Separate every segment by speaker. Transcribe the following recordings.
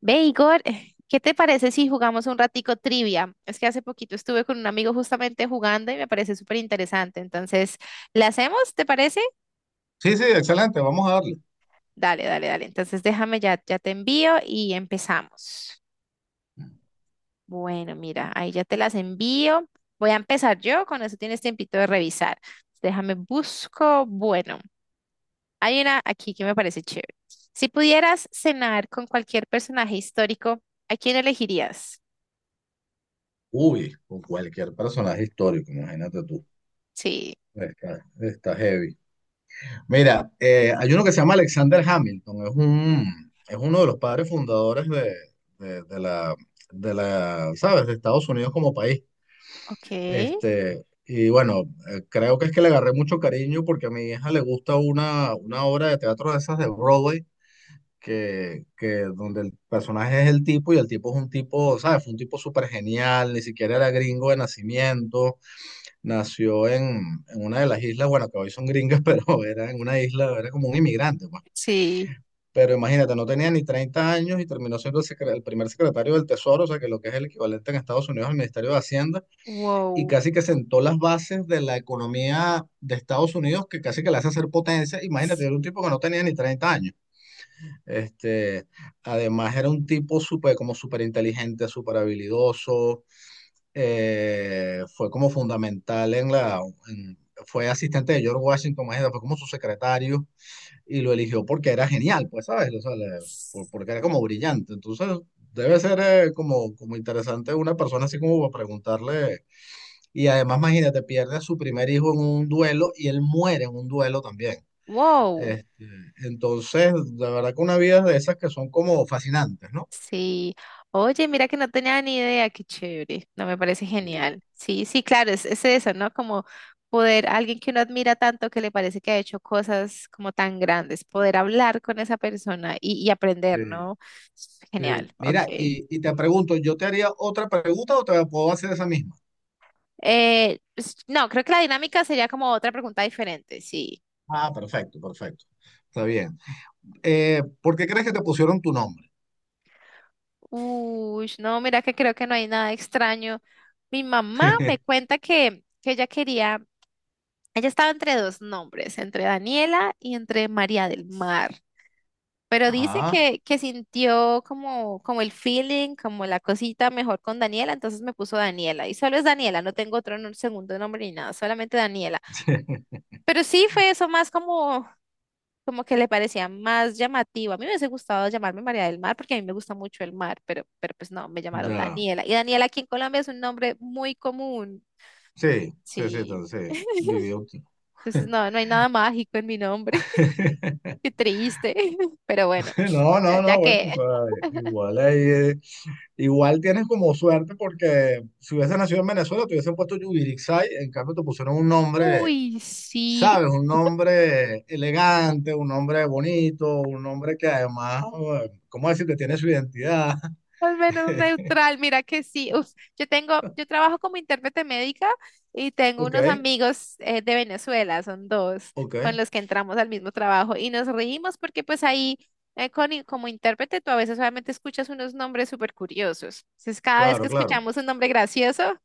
Speaker 1: Ve, Igor, ¿qué te parece si jugamos un ratico trivia? Es que hace poquito estuve con un amigo justamente jugando y me parece súper interesante. Entonces, ¿la hacemos? ¿Te parece?
Speaker 2: Sí, sí, excelente, vamos a darle.
Speaker 1: Dale, dale, dale. Entonces, déjame ya te envío y empezamos. Bueno, mira, ahí ya te las envío. Voy a empezar yo, con eso tienes tiempito de revisar. Déjame busco. Bueno, hay una aquí que me parece chévere. Si pudieras cenar con cualquier personaje histórico, ¿a quién elegirías?
Speaker 2: Uy, con cualquier personaje histórico, imagínate tú.
Speaker 1: Sí,
Speaker 2: Está heavy. Mira, hay uno que se llama Alexander Hamilton, es uno de los padres fundadores de- de la, de ¿sabes? De Estados Unidos como país.
Speaker 1: ok.
Speaker 2: Este, y bueno, creo que es que le agarré mucho cariño porque a mi hija le gusta una obra de teatro de esas de Broadway que donde el personaje es el tipo y el tipo es un tipo, ¿sabes? Fue un tipo súper genial, ni siquiera era gringo de nacimiento, nació en, en una de las islas, bueno, que hoy son gringas, pero era en una isla, era como un inmigrante, pues.
Speaker 1: Sí.
Speaker 2: Pero imagínate, no tenía ni 30 años y terminó siendo el primer secretario del Tesoro, o sea, que lo que es el equivalente en Estados Unidos al Ministerio de Hacienda, y
Speaker 1: Wow.
Speaker 2: casi que sentó las bases de la economía de Estados Unidos, que casi que la hace ser potencia. Imagínate,
Speaker 1: S-
Speaker 2: era un tipo que no tenía ni 30 años. Este, además era un como súper inteligente, súper habilidoso, fue como fundamental en- fue asistente de George Washington, imagínate, fue como su secretario y lo eligió porque era genial, pues, ¿sabes?
Speaker 1: s-
Speaker 2: Porque era como brillante, entonces debe ser como, como interesante una persona así como para preguntarle, y además imagínate, pierde a su primer hijo en un duelo y él muere en un duelo también.
Speaker 1: Wow.
Speaker 2: Entonces, la verdad que una vida de esas que son como fascinantes, ¿no?
Speaker 1: Sí. Oye, mira que no tenía ni idea, qué chévere. No, me parece
Speaker 2: Sí.
Speaker 1: genial. Sí, sí, claro, es eso, ¿no? Como poder, alguien que uno admira tanto que le parece que ha hecho cosas como tan grandes, poder hablar con esa persona y aprender,
Speaker 2: Sí.
Speaker 1: ¿no? Es genial,
Speaker 2: Sí.
Speaker 1: ok.
Speaker 2: Mira, y te pregunto, ¿yo te haría otra pregunta o te puedo hacer esa misma?
Speaker 1: No, creo que la dinámica sería como otra pregunta diferente, sí.
Speaker 2: Ah, perfecto, perfecto. Está bien. ¿Por qué crees que te pusieron tu nombre?
Speaker 1: Uy, no, mira que creo que no hay nada extraño. Mi mamá me cuenta que ella quería. Ella estaba entre dos nombres, entre Daniela y entre María del Mar. Pero dice
Speaker 2: Ajá.
Speaker 1: que sintió como, como el feeling, como la cosita mejor con Daniela, entonces me puso Daniela. Y solo es Daniela, no tengo otro segundo nombre ni nada, solamente Daniela. Pero sí fue eso más como, como que le parecía más llamativo. A mí me hubiese gustado llamarme María del Mar porque a mí me gusta mucho el mar, pero pues no, me llamaron
Speaker 2: Ya.
Speaker 1: Daniela. Y Daniela aquí en Colombia es un nombre muy común.
Speaker 2: Sí, sí, sí,
Speaker 1: Sí.
Speaker 2: entonces, vivió.
Speaker 1: Entonces no, no hay nada mágico en mi nombre. Qué triste, pero bueno,
Speaker 2: No, no,
Speaker 1: ya
Speaker 2: no, bueno,
Speaker 1: que,
Speaker 2: o sea, igual ahí, igual tienes como suerte porque si hubiese nacido en Venezuela te hubiesen puesto Yubirixay, en cambio te pusieron un nombre,
Speaker 1: uy, sí,
Speaker 2: ¿sabes? Un nombre elegante, un nombre bonito, un nombre que además, ¿cómo decirte? Tiene su identidad.
Speaker 1: al menos neutral, mira que sí, uf, yo tengo, yo trabajo como intérprete médica y tengo
Speaker 2: Ok,
Speaker 1: unos amigos de Venezuela, son dos, con
Speaker 2: ok,
Speaker 1: los que entramos al mismo trabajo y nos reímos porque pues ahí como intérprete tú a veces solamente escuchas unos nombres súper curiosos, entonces cada vez
Speaker 2: claro,
Speaker 1: que
Speaker 2: claro.
Speaker 1: escuchamos un nombre gracioso,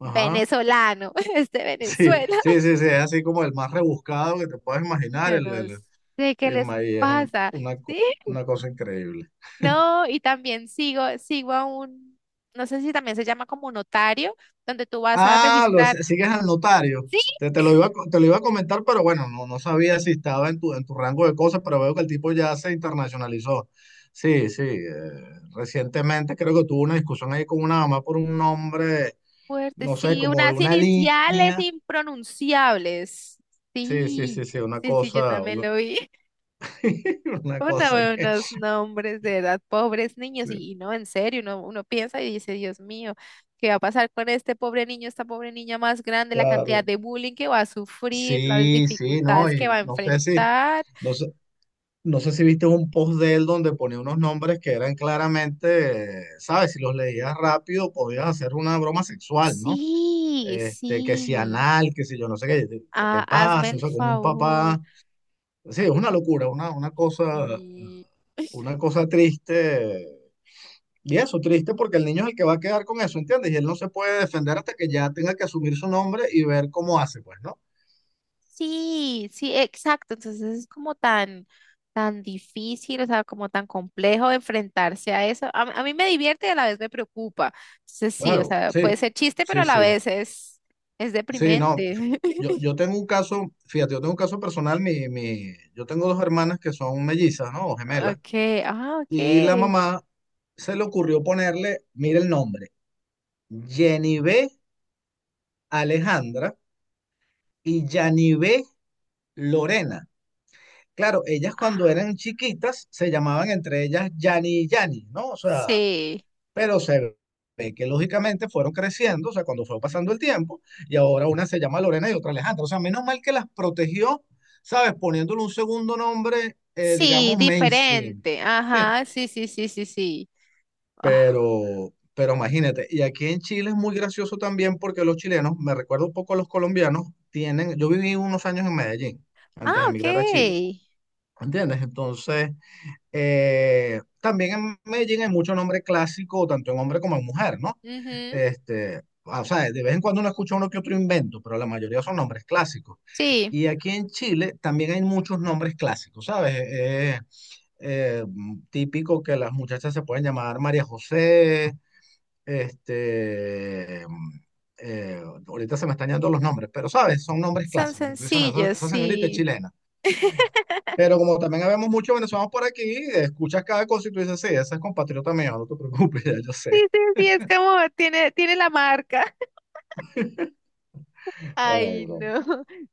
Speaker 2: Ajá.
Speaker 1: venezolano, es de
Speaker 2: Sí,
Speaker 1: Venezuela,
Speaker 2: sí, sí, sí, es así como el más rebuscado que te puedes imaginar,
Speaker 1: yo no sé qué les
Speaker 2: el- y es un-
Speaker 1: pasa,
Speaker 2: una, co-
Speaker 1: ¿sí?
Speaker 2: una cosa increíble.
Speaker 1: No, y también sigo a un, no sé si también se llama como notario, donde tú vas a
Speaker 2: Ah, lo
Speaker 1: registrar,
Speaker 2: si- sigues al notario.
Speaker 1: sí,
Speaker 2: Te lo iba a comentar, pero bueno, no, no sabía si estaba en tu rango de cosas, pero veo que el tipo ya se internacionalizó. Sí, sí. Recientemente creo que tuvo una discusión ahí con una mamá por un nombre,
Speaker 1: fuerte,
Speaker 2: no sé,
Speaker 1: sí,
Speaker 2: como de
Speaker 1: unas
Speaker 2: una
Speaker 1: iniciales
Speaker 2: línea.
Speaker 1: impronunciables.
Speaker 2: Sí, sí,
Speaker 1: Sí,
Speaker 2: sí, sí, una
Speaker 1: sí, sí, yo
Speaker 2: cosa,
Speaker 1: también
Speaker 2: una,
Speaker 1: lo vi.
Speaker 2: una
Speaker 1: Uno
Speaker 2: cosa
Speaker 1: ve
Speaker 2: que,
Speaker 1: unos nombres de edad, pobres niños,
Speaker 2: sí,
Speaker 1: y no, en serio, uno, uno piensa y dice, Dios mío, ¿qué va a pasar con este pobre niño, esta pobre niña más grande, la cantidad
Speaker 2: claro.
Speaker 1: de bullying que va a sufrir, las
Speaker 2: Sí, sí, no,
Speaker 1: dificultades
Speaker 2: y
Speaker 1: que va a
Speaker 2: no sé si,
Speaker 1: enfrentar?
Speaker 2: no sé. No sé si viste un post de él donde ponía unos nombres que eran claramente, ¿sabes? Si los leías rápido podías hacer una broma sexual, ¿no?
Speaker 1: Sí,
Speaker 2: Este, que si
Speaker 1: sí.
Speaker 2: anal, que si yo no sé qué, qué te
Speaker 1: Ah, hazme
Speaker 2: pasa, o
Speaker 1: el
Speaker 2: sea, como un
Speaker 1: favor.
Speaker 2: papá. Sí, es una locura,
Speaker 1: Y-
Speaker 2: una cosa triste. Y eso, triste porque el niño es el que va a quedar con eso, ¿entiendes? Y él no se puede defender hasta que ya tenga que asumir su nombre y ver cómo hace, pues, ¿no?
Speaker 1: sí, sí, exacto. Entonces es como tan, tan difícil, o sea, como tan complejo enfrentarse a eso. A mí me divierte y a la vez me preocupa. Entonces sí, o
Speaker 2: Claro,
Speaker 1: sea, puede
Speaker 2: sí,
Speaker 1: ser chiste, pero a
Speaker 2: sí,
Speaker 1: la
Speaker 2: sí.
Speaker 1: vez es
Speaker 2: Sí, no,
Speaker 1: deprimente.
Speaker 2: yo, yo tengo un caso, fíjate, yo tengo un caso personal, yo tengo dos hermanas que son mellizas, ¿no? O gemelas,
Speaker 1: Okay, ah,
Speaker 2: y la
Speaker 1: okay.
Speaker 2: mamá se le ocurrió ponerle, mira el nombre, Yanivé Alejandra y Yanivé Lorena. Claro, ellas cuando eran chiquitas se llamaban entre ellas Yani y Yani, ¿no? O sea,
Speaker 1: Sí,
Speaker 2: pero se ve que lógicamente fueron creciendo, o sea, cuando fue pasando el tiempo, y ahora una se llama Lorena y otra Alejandra. O sea, menos mal que las protegió, ¿sabes? Poniéndole un segundo nombre,
Speaker 1: sí,
Speaker 2: digamos, mainstream.
Speaker 1: diferente. Ajá, sí, sí, sí, sí, sí. Ah,
Speaker 2: Pero imagínate, y aquí en Chile es muy gracioso también porque los chilenos, me recuerdo un poco a los colombianos, tienen, yo viví unos años en Medellín antes
Speaker 1: ah,
Speaker 2: de emigrar a Chile,
Speaker 1: okay.
Speaker 2: ¿entiendes? Entonces, también en Medellín hay mucho nombre clásico, tanto en hombre como en mujer, ¿no?
Speaker 1: Ujú,
Speaker 2: Este, o sea, de vez en cuando uno escucha uno que otro invento, pero la mayoría son nombres clásicos.
Speaker 1: sí,
Speaker 2: Y aquí en Chile también hay muchos nombres clásicos, ¿sabes? Típico que las muchachas se pueden llamar María José, este, mm, ahorita se me están yendo los nombres, pero ¿sabes? Son nombres
Speaker 1: son
Speaker 2: clásicos. Tú dices, "No, esa,
Speaker 1: sencillos,
Speaker 2: esa señorita es
Speaker 1: sí.
Speaker 2: chilena. Pero como también habemos muchos venezolanos por aquí, escuchas cada cosa y tú dices, sí, ese es compatriota mío, no te preocupes, ya yo
Speaker 1: Sí,
Speaker 2: sé.
Speaker 1: sí, sí, es como tiene, tiene la marca.
Speaker 2: Ay,
Speaker 1: Ay,
Speaker 2: broma.
Speaker 1: no.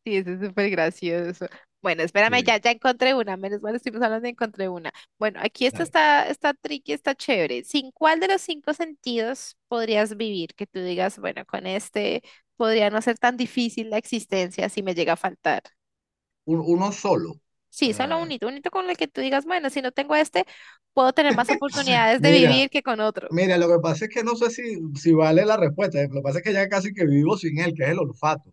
Speaker 1: Sí, eso es súper gracioso. Bueno, espérame, ya,
Speaker 2: Sí,
Speaker 1: ya encontré una. Menos mal estuvimos hablando de encontré una. Bueno, aquí esta
Speaker 2: dale.
Speaker 1: está, está tricky, está chévere. ¿Sin cuál de los cinco sentidos podrías vivir? Que tú digas, bueno, con este podría no ser tan difícil la existencia si me llega a faltar.
Speaker 2: Uno solo.
Speaker 1: Sí, solo
Speaker 2: Eh,
Speaker 1: unito, unito con el que tú digas, bueno, si no tengo este, puedo tener más oportunidades de
Speaker 2: mira,
Speaker 1: vivir que con otro.
Speaker 2: mira, lo que pasa es que no sé si, si vale la respuesta. Lo que pasa es que ya casi que vivo sin él, que es el olfato.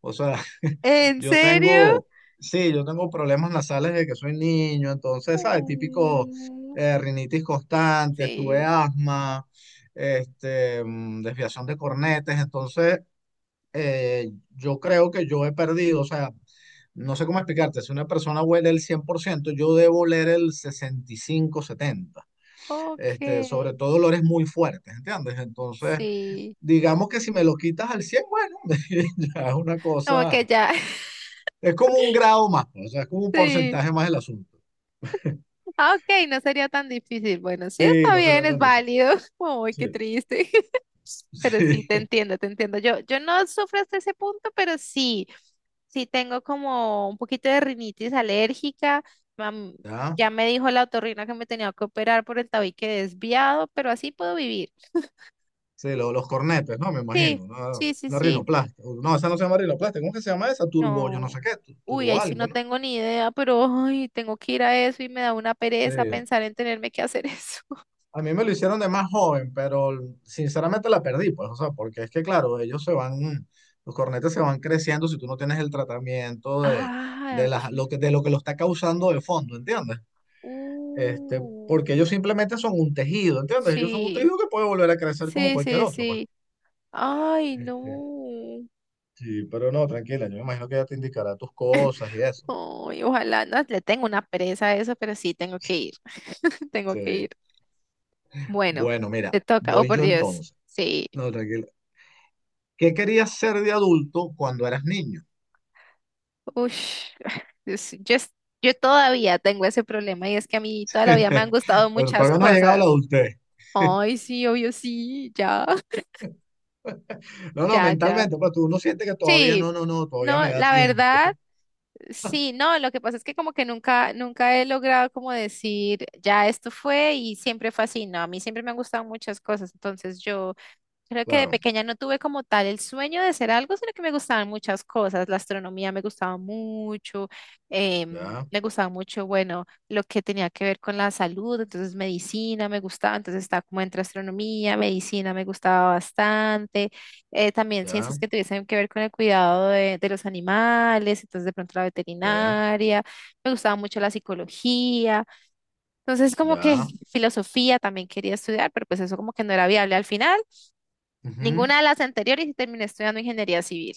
Speaker 2: O sea,
Speaker 1: ¿En
Speaker 2: yo
Speaker 1: serio?
Speaker 2: tengo, sí, yo tengo problemas nasales desde que soy niño, entonces, ¿sabes? Típico
Speaker 1: Mm,
Speaker 2: rinitis constante, tuve
Speaker 1: sí.
Speaker 2: asma, desviación de cornetes, entonces yo creo que yo he perdido, o sea, no sé cómo explicarte, si una persona huele el 100%, yo debo oler el 65, 70,
Speaker 1: Ok,
Speaker 2: sobre todo olores muy fuertes, ¿entiendes? Entonces,
Speaker 1: sí.
Speaker 2: digamos que si me lo quitas al 100, bueno, ya es una
Speaker 1: Como
Speaker 2: cosa,
Speaker 1: que ya,
Speaker 2: es como un grado más, pues, o sea, es como un
Speaker 1: sí.
Speaker 2: porcentaje más del asunto.
Speaker 1: Ah, ok, no sería tan difícil. Bueno, sí
Speaker 2: Sí,
Speaker 1: está
Speaker 2: no
Speaker 1: bien,
Speaker 2: sería
Speaker 1: es
Speaker 2: tan difícil.
Speaker 1: válido. Uy, qué
Speaker 2: Sí.
Speaker 1: triste. Pero sí, te
Speaker 2: Sí,
Speaker 1: entiendo, te entiendo. Yo no sufro hasta ese punto, pero sí, sí tengo como un poquito de rinitis alérgica. Mam-
Speaker 2: ya.
Speaker 1: ya me dijo la otorrina que me tenía que operar por el tabique desviado, pero así puedo vivir.
Speaker 2: Sí, los cornetes, ¿no? Me
Speaker 1: Sí,
Speaker 2: imagino.
Speaker 1: sí, sí,
Speaker 2: Una
Speaker 1: sí.
Speaker 2: rinoplastia. No, esa no se llama rinoplastia. ¿Cómo que se llama esa? Turbo, yo no
Speaker 1: No.
Speaker 2: sé qué,
Speaker 1: Uy,
Speaker 2: turbo
Speaker 1: ahí sí
Speaker 2: algo,
Speaker 1: no
Speaker 2: ¿no?
Speaker 1: tengo ni idea, pero ay, tengo que ir a eso y me da una
Speaker 2: Sí,
Speaker 1: pereza pensar en tenerme que hacer eso.
Speaker 2: a mí me lo hicieron de más joven, pero sinceramente la perdí, pues, o sea, porque es que, claro, ellos se van, los cornetes se van creciendo si tú no tienes el tratamiento
Speaker 1: Ah, ok.
Speaker 2: de lo que lo está causando de fondo, ¿entiendes? Este,
Speaker 1: Uh,
Speaker 2: porque ellos simplemente son un tejido, ¿entiendes? Ellos son un
Speaker 1: sí,
Speaker 2: tejido que puede volver a crecer como
Speaker 1: sí,
Speaker 2: cualquier
Speaker 1: sí,
Speaker 2: otro, pues.
Speaker 1: sí. Ay, no.
Speaker 2: Sí, pero no, tranquila, yo me imagino que ya te indicará tus cosas y eso.
Speaker 1: Ay, ojalá, no, le tengo una pereza a eso, pero sí, tengo que ir. Tengo que
Speaker 2: Sí.
Speaker 1: ir. Bueno,
Speaker 2: Bueno, mira,
Speaker 1: te toca. Oh,
Speaker 2: voy
Speaker 1: por
Speaker 2: yo
Speaker 1: Dios.
Speaker 2: entonces.
Speaker 1: Sí.
Speaker 2: No, tranquila. ¿Qué querías ser de adulto cuando eras niño?
Speaker 1: Ush. Dios, yo, yo todavía tengo ese problema y es que a mí toda la vida me han gustado
Speaker 2: Pero
Speaker 1: muchas
Speaker 2: todavía no ha llegado la
Speaker 1: cosas.
Speaker 2: adultez.
Speaker 1: Ay, sí, obvio, sí, ya,
Speaker 2: No, no,
Speaker 1: ya, ya.
Speaker 2: mentalmente, pues tú uno siente que todavía no,
Speaker 1: Sí,
Speaker 2: no, no, todavía
Speaker 1: no,
Speaker 2: me da
Speaker 1: la verdad,
Speaker 2: tiempo.
Speaker 1: sí, no, lo que pasa es que como que nunca, nunca he logrado como decir, ya esto fue y siempre fue así, no, a mí siempre me han gustado muchas cosas, entonces yo creo que de
Speaker 2: Claro,
Speaker 1: pequeña no tuve como tal el sueño de ser algo, sino que me gustaban muchas cosas. La astronomía me gustaba mucho,
Speaker 2: ya,
Speaker 1: me gustaba mucho, bueno, lo que tenía que ver con la salud, entonces medicina me gustaba, entonces estaba como entre astronomía, medicina me gustaba bastante, también
Speaker 2: ya,
Speaker 1: ciencias que tuviesen que ver con el cuidado de los animales, entonces de pronto la
Speaker 2: ok,
Speaker 1: veterinaria, me gustaba mucho la psicología, entonces como que
Speaker 2: ya.
Speaker 1: filosofía también quería estudiar, pero pues eso como que no era viable al final.
Speaker 2: Ujú.
Speaker 1: Ninguna de las anteriores y terminé estudiando ingeniería civil.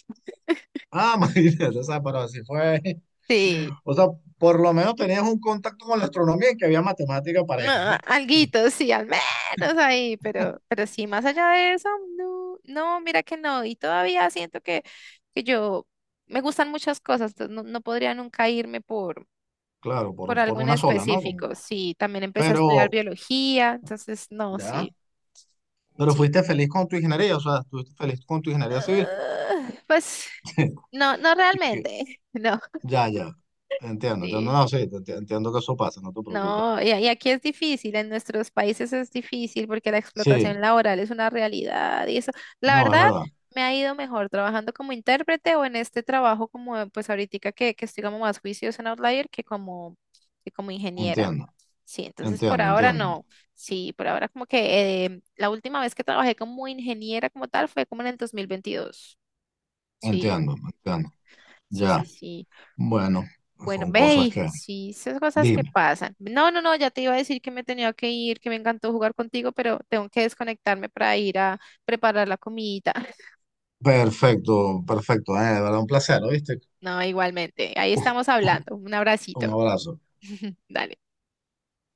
Speaker 2: Ah, imagínate, o sea, pero así fue.
Speaker 1: Sí,
Speaker 2: O sea, por lo menos tenías un contacto con la astronomía y que había matemática pareja,
Speaker 1: ah,
Speaker 2: ¿no?
Speaker 1: alguito, sí, al menos ahí, pero sí, más allá de eso, no, no, mira que no. Y todavía siento que yo me gustan muchas cosas, entonces no, no podría nunca irme
Speaker 2: Claro,
Speaker 1: por
Speaker 2: por
Speaker 1: algo en
Speaker 2: una sola, ¿no?
Speaker 1: específico.
Speaker 2: Como
Speaker 1: Sí, también empecé a estudiar
Speaker 2: pero,
Speaker 1: biología, entonces no,
Speaker 2: ya,
Speaker 1: sí,
Speaker 2: pero
Speaker 1: sí.
Speaker 2: fuiste feliz con tu ingeniería, o sea, estuviste feliz con tu ingeniería civil.
Speaker 1: Ah, pues no, no
Speaker 2: Y que,
Speaker 1: realmente, no,
Speaker 2: ya, ya, entiendo, entiendo,
Speaker 1: sí.
Speaker 2: no, sí, entiendo que eso pasa, no te preocupes.
Speaker 1: No, y aquí es difícil, en nuestros países es difícil porque la
Speaker 2: Sí,
Speaker 1: explotación laboral es una realidad y eso, la
Speaker 2: no, es
Speaker 1: verdad,
Speaker 2: verdad.
Speaker 1: me ha ido mejor trabajando como intérprete o en este trabajo como pues ahorita que estoy como más juiciosa en Outlier que como ingeniera.
Speaker 2: Entiendo,
Speaker 1: Sí, entonces por
Speaker 2: entiendo,
Speaker 1: ahora
Speaker 2: entiendo,
Speaker 1: no. Sí, por ahora como que la última vez que trabajé como ingeniera como tal fue como en el 2022. Sí,
Speaker 2: entiendo, entiendo.
Speaker 1: sí, sí,
Speaker 2: Ya,
Speaker 1: sí.
Speaker 2: bueno,
Speaker 1: Bueno,
Speaker 2: son
Speaker 1: ve,
Speaker 2: cosas
Speaker 1: y
Speaker 2: que...
Speaker 1: sí, esas cosas que
Speaker 2: Dime.
Speaker 1: pasan. No, no, no, ya te iba a decir que me tenía que ir, que me encantó jugar contigo, pero tengo que desconectarme para ir a preparar la comidita.
Speaker 2: Perfecto, perfecto. De verdad, un placer, ¿viste?
Speaker 1: No, igualmente. Ahí estamos hablando. Un
Speaker 2: Un
Speaker 1: abracito.
Speaker 2: abrazo.
Speaker 1: Dale.